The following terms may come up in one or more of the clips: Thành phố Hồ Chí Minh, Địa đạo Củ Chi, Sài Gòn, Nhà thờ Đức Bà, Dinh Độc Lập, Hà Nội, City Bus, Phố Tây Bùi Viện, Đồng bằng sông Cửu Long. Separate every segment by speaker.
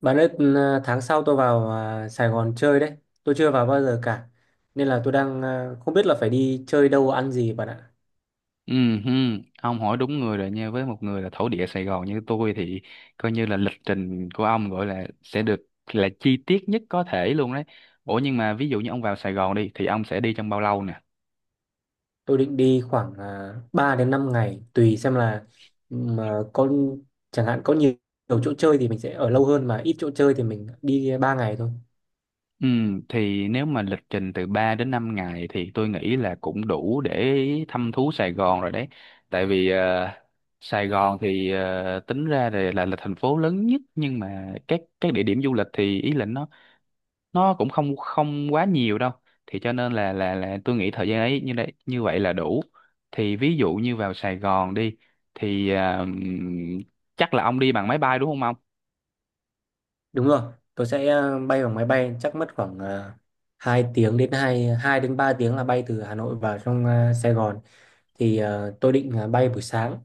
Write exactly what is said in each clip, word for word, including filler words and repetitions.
Speaker 1: Bạn ơi, ừ, à, tháng sau tôi vào à, Sài Gòn chơi đấy. Tôi chưa vào bao giờ cả. Nên là tôi đang à, không biết là phải đi chơi đâu ăn gì bạn ạ.
Speaker 2: Ừ, hừ, ông hỏi đúng người rồi nha. Với một người là thổ địa Sài Gòn như tôi thì coi như là lịch trình của ông gọi là sẽ được là chi tiết nhất có thể luôn đấy. Ủa nhưng mà ví dụ như ông vào Sài Gòn đi thì ông sẽ đi trong bao lâu nè?
Speaker 1: Tôi định đi khoảng uh, ba đến năm ngày, tùy xem là, ừ, mà có chẳng hạn có nhiều, nhiều chỗ chơi thì mình sẽ ở lâu hơn, mà ít chỗ chơi thì mình đi ba ngày thôi.
Speaker 2: Ừ, thì nếu mà lịch trình từ ba đến năm ngày thì tôi nghĩ là cũng đủ để thăm thú Sài Gòn rồi đấy. Tại vì ờ, Sài Gòn thì ờ, tính ra là, là là thành phố lớn nhất, nhưng mà các các địa điểm du lịch thì ý là nó nó cũng không không quá nhiều đâu. Thì cho nên là là là tôi nghĩ thời gian ấy như đấy như vậy là đủ. Thì ví dụ như vào Sài Gòn đi thì à, ừm, chắc là ông đi bằng máy bay đúng không ông
Speaker 1: Đúng rồi, tôi sẽ à, bay bằng máy bay, chắc mất khoảng uh, hai tiếng đến hai hai đến ba tiếng là bay từ Hà Nội vào trong à, Sài Gòn. Thì à, tôi định à, bay buổi sáng.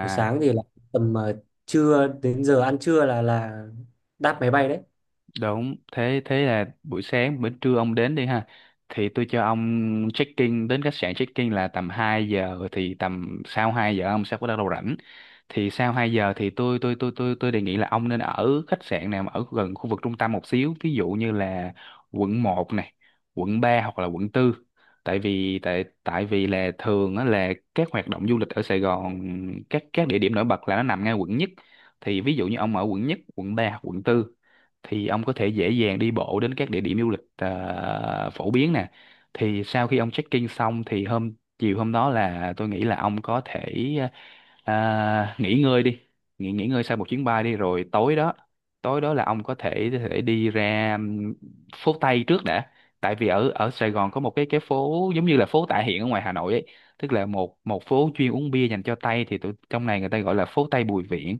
Speaker 1: Buổi sáng thì là tầm ờ, trưa, đến giờ ăn trưa là là đáp máy bay đấy.
Speaker 2: Đúng, thế thế là buổi sáng bữa trưa ông đến đi ha. Thì tôi cho ông check-in đến khách sạn, check-in là tầm hai giờ thì tầm sau hai giờ ông sẽ bắt đầu rảnh. Thì sau hai giờ thì tôi tôi tôi tôi tôi đề nghị là ông nên ở khách sạn nào mà ở gần khu vực trung tâm một xíu, ví dụ như là quận một này, quận ba hoặc là quận tư. Tại vì tại tại vì là thường á là các hoạt động du lịch ở Sài Gòn, các các địa điểm nổi bật là nó nằm ngay quận nhất. Thì ví dụ như ông ở quận nhất, quận ba hoặc quận tư thì ông có thể dễ dàng đi bộ đến các địa điểm du lịch à, phổ biến nè. Thì sau khi ông check-in xong thì hôm chiều hôm đó là tôi nghĩ là ông có thể à, nghỉ ngơi đi, nghỉ nghỉ ngơi sau một chuyến bay đi. Rồi tối đó, tối đó là ông có thể thể đi ra ừm, phố Tây trước đã. Tại vì ở ở Sài Gòn có một cái cái phố giống như là phố Tạ Hiện ở ngoài Hà Nội ấy, tức là một một phố chuyên uống bia dành cho Tây, thì tụi trong này người ta gọi là phố Tây Bùi Viện.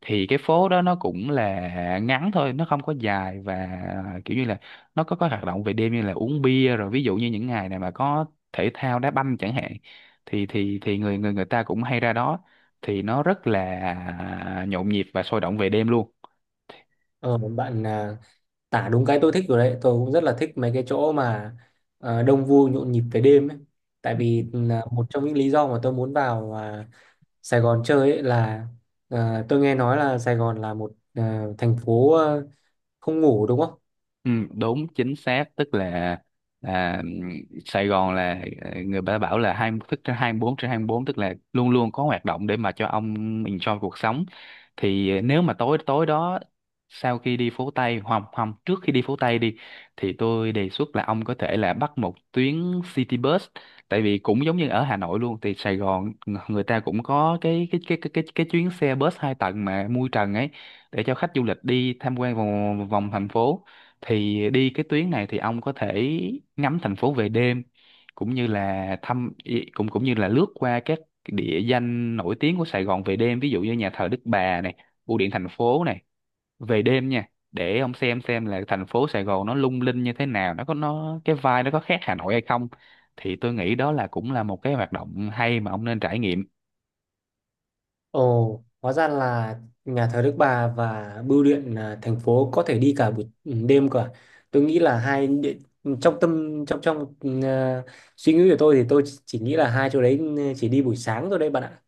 Speaker 2: Thì cái phố đó nó cũng là ngắn thôi, nó không có dài, và kiểu như là nó có có hoạt động về đêm như là uống bia, rồi ví dụ như những ngày này mà có thể thao đá banh chẳng hạn thì thì thì người người người ta cũng hay ra đó, thì nó rất là nhộn nhịp và sôi động về đêm luôn.
Speaker 1: ờ, Bạn à, tả đúng cái tôi thích rồi đấy. Tôi cũng rất là thích mấy cái chỗ mà ờ, đông vui nhộn nhịp về đêm ấy, tại vì ừ, là một trong những lý do mà tôi muốn vào à, Sài Gòn chơi ấy là, ờ, tôi nghe nói là Sài Gòn là một ờ, thành phố ờ, không ngủ, đúng không?
Speaker 2: Ừ, đúng chính xác, tức là là ừm, Sài Gòn là ờ, người ta bảo là hai thức trên hai mươi bốn trên hai mươi bốn, tức là luôn luôn có hoạt động để mà cho ông enjoy cuộc sống. Thì ờ, nếu mà tối tối đó, sau khi đi phố Tây hoặc không, trước khi đi phố Tây đi, thì tôi đề xuất là ông có thể là bắt một tuyến city bus. Tại vì cũng giống như ở Hà Nội luôn, thì Sài Gòn người ta cũng có cái cái cái cái cái, cái chuyến xe bus hai tầng mà mui trần ấy, để cho khách du lịch đi tham quan vòng vòng thành phố. Thì đi cái tuyến này thì ông có thể ngắm thành phố về đêm, cũng như là thăm ý- cũng cũng như là lướt qua các địa danh nổi tiếng của Sài Gòn về đêm, ví dụ như nhà thờ Đức Bà này, bưu điện thành phố này, về đêm nha, để ông xem xem là thành phố Sài Gòn nó lung linh như thế nào, nó có nó cái vibe nó có khác Hà Nội hay không. Thì tôi nghĩ đó là cũng là một cái hoạt động hay mà ông nên trải nghiệm.
Speaker 1: Ồ, hóa ra là nhà thờ Đức Bà và bưu điện à, thành phố có thể đi cả buổi ừ, đêm cả. Tôi nghĩ là hai địa- trong tâm trong trong ừ, à, suy nghĩ của tôi, thì tôi chỉ nghĩ là hai chỗ đấy ừ, chỉ đi buổi sáng thôi đấy bạn ạ.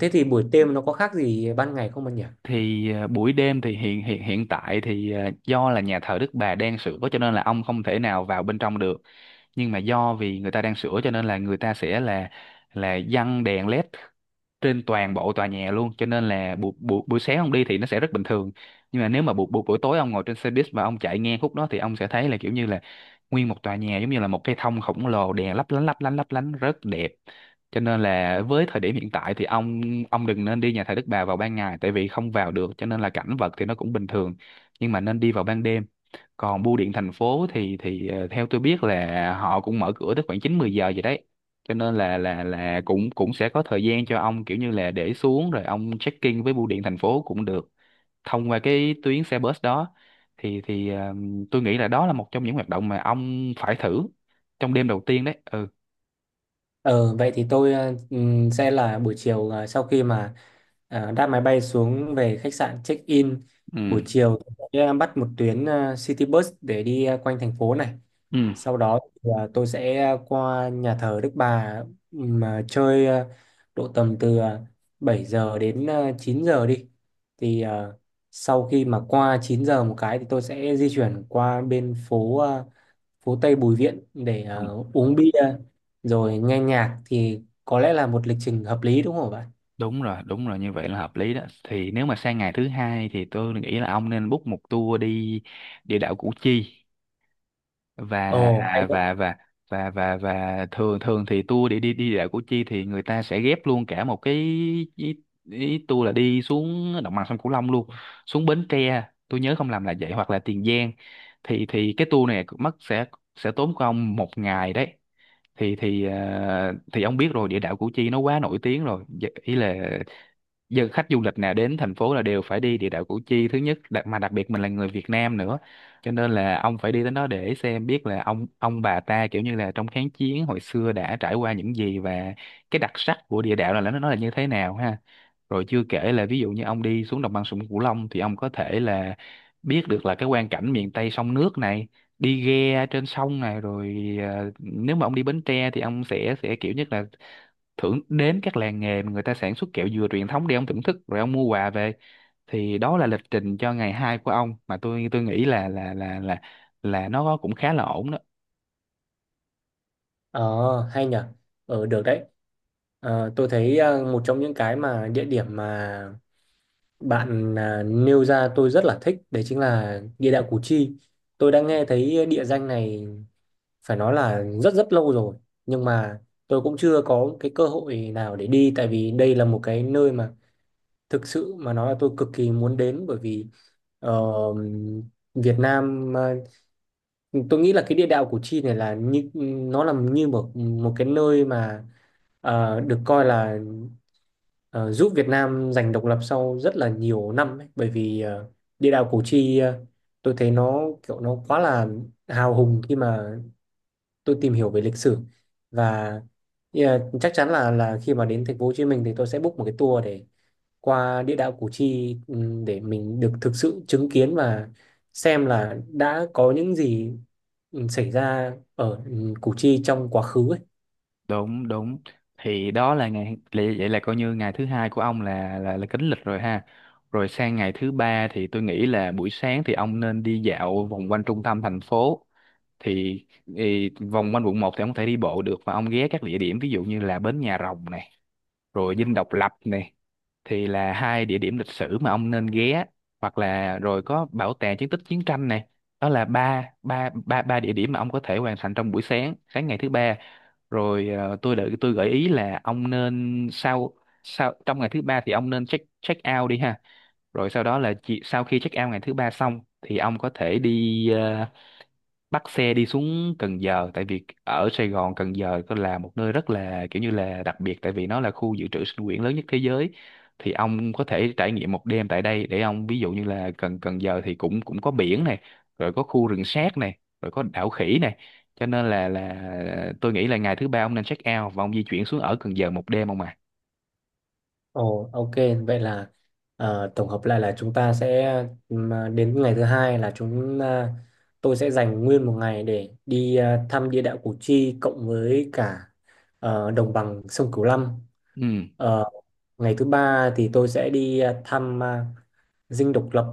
Speaker 1: Thế thì buổi đêm nó có khác gì ban ngày không bạn nhỉ?
Speaker 2: Thì à, buổi đêm thì hiện hiện hiện tại thì à, do là nhà thờ Đức Bà đang sửa cho nên là ông không thể nào vào bên trong được. Nhưng mà do vì người ta đang sửa cho nên là người ta sẽ là là giăng đèn led trên toàn bộ tòa nhà luôn, cho nên là buổi buổi buổi sáng ông đi thì nó sẽ rất bình thường, nhưng mà nếu mà buổi buổi buổi tối ông ngồi trên xe buýt và ông chạy ngang khúc đó thì ông sẽ thấy là kiểu như là nguyên một tòa nhà giống như là một cái thông khổng lồ, đèn lấp lánh lấp lánh lấp lánh rất đẹp. Cho nên là với thời điểm hiện tại thì ông ông đừng nên đi nhà thờ Đức Bà vào ban ngày, tại vì không vào được cho nên là cảnh vật thì nó cũng bình thường, nhưng mà nên đi vào ban đêm. Còn bưu điện thành phố thì thì ờ, theo tôi biết là họ cũng mở cửa tới khoảng chín mười giờ vậy đấy, cho nên là là là cũng cũng sẽ có thời gian cho ông kiểu như là để xuống rồi ông check in với bưu điện thành phố cũng được, thông qua cái tuyến xe bus đó. Thì thì ờ, tôi nghĩ là đó là một trong những hoạt động mà ông phải thử trong đêm đầu tiên đấy. Ừ,
Speaker 1: Ờ, vậy thì tôi ờ, ừm, sẽ là buổi chiều, ờ, sau khi mà ờ, đáp máy bay xuống, về khách sạn check in, buổi
Speaker 2: ừ,
Speaker 1: chiều tôi sẽ ờ, bắt một tuyến ờ, City Bus để đi ờ, quanh thành phố này.
Speaker 2: ừ.
Speaker 1: Sau đó thì ờ, tôi sẽ ờ, qua nhà thờ Đức Bà mà chơi ờ, độ tầm từ ờ, bảy giờ đến ờ, chín giờ đi. Thì ờ, sau khi mà qua chín giờ một cái, thì tôi sẽ di chuyển qua bên phố ờ, phố Tây Bùi Viện để
Speaker 2: Không,
Speaker 1: ờ, uống bia rồi nghe nhạc, thì có lẽ là một lịch trình hợp lý, đúng không bạn?
Speaker 2: đúng rồi, đúng rồi, như vậy là hợp lý đó. Thì nếu mà sang ngày thứ hai thì tôi nghĩ là ông nên book một tour đi địa đạo Củ Chi. Và
Speaker 1: Ồ hay đấy.
Speaker 2: và và và và và thường thường thì tour để đi đi đảo Củ Chi thì người ta sẽ ghép luôn cả một cái ý, ý tour là đi xuống đồng bằng sông Cửu Long luôn, xuống Bến Tre tôi nhớ không lầm là vậy, hoặc là Tiền Giang. Thì thì cái tour này mất sẽ sẽ tốn của ông một ngày đấy. Thì thì ờ, thì ông biết rồi, địa đạo Củ Chi nó quá nổi tiếng rồi. Dạ, ý là giờ khách du lịch nào đến thành phố là đều phải đi địa đạo Củ Chi thứ nhất. Đặc, mà đặc biệt mình là người Việt Nam nữa, cho nên là ông phải đi đến đó để xem biết là ông ông bà ta kiểu như là trong kháng chiến hồi xưa đã trải qua những gì, và cái đặc sắc của địa đạo là nó nó là như thế nào ha. Rồi chưa kể là ví dụ như ông đi xuống đồng bằng sông Cửu Long thì ông có thể là biết được là cái quang cảnh miền Tây sông nước này, đi ghe trên sông này, rồi à, nếu mà ông đi Bến Tre thì ông sẽ sẽ kiểu nhất là thưởng đến các làng nghề mà người ta sản xuất kẹo dừa truyền thống để ông thưởng thức rồi ông mua quà về. Thì đó là lịch trình cho ngày hai của ông mà tôi tôi nghĩ là là là là là nó cũng khá là ổn đó.
Speaker 1: Ờ Hay nhở. Ờ được đấy. Ờ, tôi thấy ờ, một trong những cái mà địa điểm mà bạn ờ, nêu ra tôi rất là thích đấy, chính là địa đạo Củ Chi. Tôi đã nghe thấy địa danh này phải nói là rất rất lâu rồi, nhưng mà tôi cũng chưa có cái cơ hội nào để đi, tại vì đây là một cái nơi mà thực sự mà nói là tôi cực kỳ muốn đến. Bởi vì Ờ, Việt Nam, ờ, tôi nghĩ là cái địa đạo Củ Chi này là như, nó là như một một cái nơi mà ờ, được coi là ờ, giúp Việt Nam giành độc lập sau rất là nhiều năm ấy. Bởi vì ờ, địa đạo Củ Chi, ờ, tôi thấy nó kiểu nó quá là hào hùng khi mà tôi tìm hiểu về lịch sử. Và yeah, chắc chắn là là khi mà đến thành phố Hồ Chí Minh thì tôi sẽ book một cái tour để qua địa đạo Củ Chi, ừm, để mình được thực sự chứng kiến và xem là đã có những gì ừm, xảy ra ở ừm, Củ Chi trong quá khứ ấy.
Speaker 2: Đúng, đúng, thì đó là ngày lì- vậy là coi như ngày thứ hai của ông là là là kính lịch rồi ha. Rồi sang ngày thứ ba thì tôi nghĩ là buổi sáng thì ông nên đi dạo vòng quanh trung tâm thành phố. Thì, thì vòng quanh quận một thì ông có thể đi bộ được, và ông ghé các địa điểm ví dụ như là bến Nhà Rồng nè, rồi Dinh Độc Lập này, thì là hai địa điểm lịch sử mà ông nên ghé, hoặc là rồi có bảo tàng chiến tích chiến tranh này. Đó là ba ba ba ba địa điểm mà ông có thể hoàn thành trong buổi sáng, sáng ngày thứ ba. Rồi ờ, tôi đợi tôi gợi ý là ông nên sau sau trong ngày thứ ba thì ông nên check check out đi ha. Rồi sau đó là chỉ, sau khi check out ngày thứ ba xong thì ông có thể đi ờ, bắt xe đi xuống Cần Giờ. Tại vì ở Sài Gòn, Cần Giờ có là một nơi rất là kiểu như là đặc biệt, tại vì nó là khu dự trữ sinh quyển lớn nhất thế giới. Thì ông có thể trải nghiệm một đêm tại đây, để ông ví dụ như là Cần Cần Giờ thì cũng cũng có biển này, rồi có khu rừng sát này, rồi có đảo khỉ này. Cho nên là là tôi nghĩ là ngày thứ ba ông nên check out và ông di chuyển xuống ở Cần Giờ một đêm ông à.
Speaker 1: Ồ, ok, vậy là ờ, tổng hợp lại là chúng ta sẽ, ừm, à, đến ngày thứ hai là chúng à, tôi sẽ dành nguyên một ngày để đi à, thăm địa đạo Củ Chi, cộng với cả ờ, đồng bằng sông Cửu Long.
Speaker 2: Ừ,
Speaker 1: Ờ, Ngày thứ ba thì tôi sẽ đi à, thăm à, Dinh Độc Lập,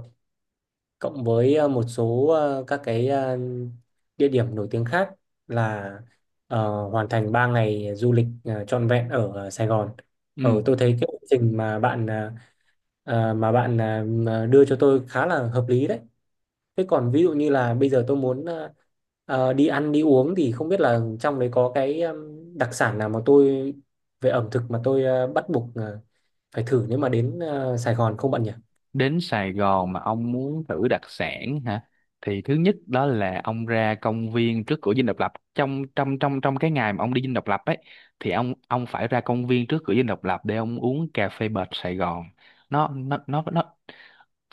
Speaker 1: cộng với ờ, một số ờ, các cái ờ, địa điểm nổi tiếng khác, là ờ, hoàn thành ba ngày du lịch ờ, trọn vẹn ở ờ, Sài Gòn. Ở
Speaker 2: ừ.
Speaker 1: tôi thấy cái lộ trình mà bạn ờ, ờ, mà bạn ờ, mà đưa cho tôi khá là hợp lý đấy. Thế còn ví dụ như là bây giờ tôi muốn ờ, ờ, đi ăn đi uống, thì không biết là trong đấy có cái ừm, đặc sản nào mà tôi, về ẩm thực mà tôi ờ, bắt buộc ờ, phải thử nếu mà đến ờ, Sài Gòn không bạn nhỉ?
Speaker 2: Đến Sài Gòn mà ông muốn thử đặc sản hả? Thì thứ nhất đó là ông ra công viên trước cửa Dinh Độc Lập trong trong trong trong cái ngày mà ông đi Dinh Độc Lập ấy, thì ông ông phải ra công viên trước cửa Dinh Độc Lập để ông uống cà phê bệt Sài Gòn. Nó nó nó nó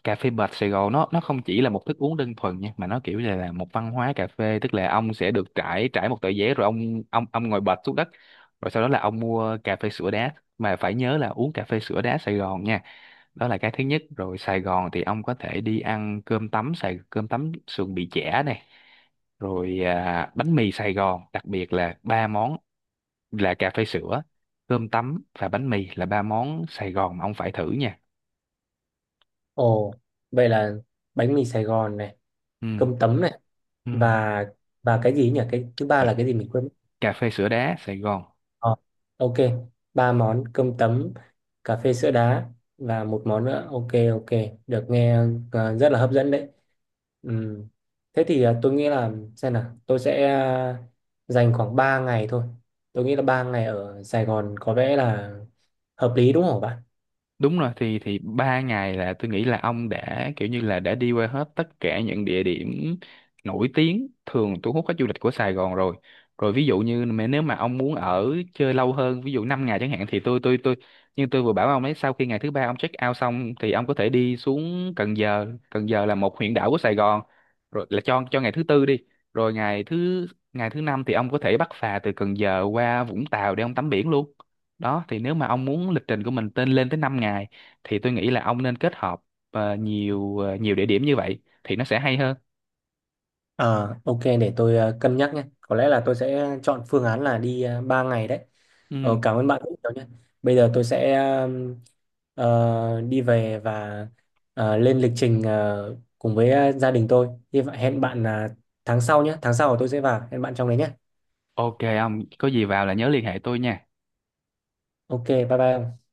Speaker 2: Cà phê bệt Sài Gòn nó nó không chỉ là một thức uống đơn thuần nha, mà nó kiểu như là một văn hóa cà phê, tức là ông sẽ được trải trải một tờ giấy rồi ông ông ông ngồi bệt xuống đất, rồi sau đó là ông mua cà phê sữa đá, mà phải nhớ là uống cà phê sữa đá Sài Gòn nha. Đó là cái thứ nhất. Rồi Sài Gòn thì ông có thể đi ăn cơm tấm, Sài cơm tấm sườn bì chả này, rồi à, bánh mì Sài Gòn. Đặc biệt là ba món là cà phê sữa, cơm tấm và bánh mì là ba món Sài Gòn mà ông phải thử nha.
Speaker 1: Ồ, vậy là bánh mì Sài Gòn này,
Speaker 2: Ừ,
Speaker 1: cơm tấm này,
Speaker 2: ừ.
Speaker 1: và và cái gì nhỉ, cái thứ ba
Speaker 2: Và
Speaker 1: là cái gì mình quên mất.
Speaker 2: cà phê sữa đá Sài Gòn.
Speaker 1: Ờ, ok, ba món cơm tấm, cà phê sữa đá, và một món nữa. Ok, ok, được, nghe ờ, rất là hấp dẫn đấy. Ừm, Thế thì ờ, tôi nghĩ là, xem nào, tôi sẽ ờ, dành khoảng ba ngày thôi. Tôi nghĩ là ba ngày ở Sài Gòn có vẻ là hợp lý, đúng không bạn?
Speaker 2: Đúng rồi, thì thì ba ngày là tôi nghĩ là ông đã kiểu như là đã đi qua hết tất cả những địa điểm nổi tiếng thường thu hút khách du lịch của Sài Gòn rồi. Rồi ví dụ như mà nếu mà ông muốn ở chơi lâu hơn, ví dụ năm ngày chẳng hạn, thì tôi tôi tôi nhưng tôi vừa bảo ông ấy sau khi ngày thứ ba ông check out xong thì ông có thể đi xuống Cần Giờ, Cần Giờ là một huyện đảo của Sài Gòn. Rồi là cho cho ngày thứ tư đi. Rồi ngày thứ ngày thứ năm thì ông có thể bắt phà từ Cần Giờ qua Vũng Tàu để ông tắm biển luôn đó. Thì nếu mà ông muốn lịch trình của mình tên lên tới năm ngày thì tôi nghĩ là ông nên kết hợp ờ, nhiều ờ, nhiều địa điểm như vậy thì nó sẽ hay hơn.
Speaker 1: À, ok, để tôi ờ, cân nhắc nhé. Có lẽ là tôi sẽ chọn phương án là đi uh, ba ngày đấy.
Speaker 2: Ừ,
Speaker 1: Ờ, cảm ơn bạn rất nhiều nhé. Bây giờ tôi sẽ ờm, ờ, đi về và ờ, lên lịch trình ờ, cùng với ờ, gia đình tôi. Hy vọng hẹn bạn là tháng sau nhé. Tháng sau tôi sẽ vào. Hẹn bạn trong đấy nhé.
Speaker 2: ok, ông có gì vào là nhớ liên hệ tôi nha.
Speaker 1: Ok, bye bye.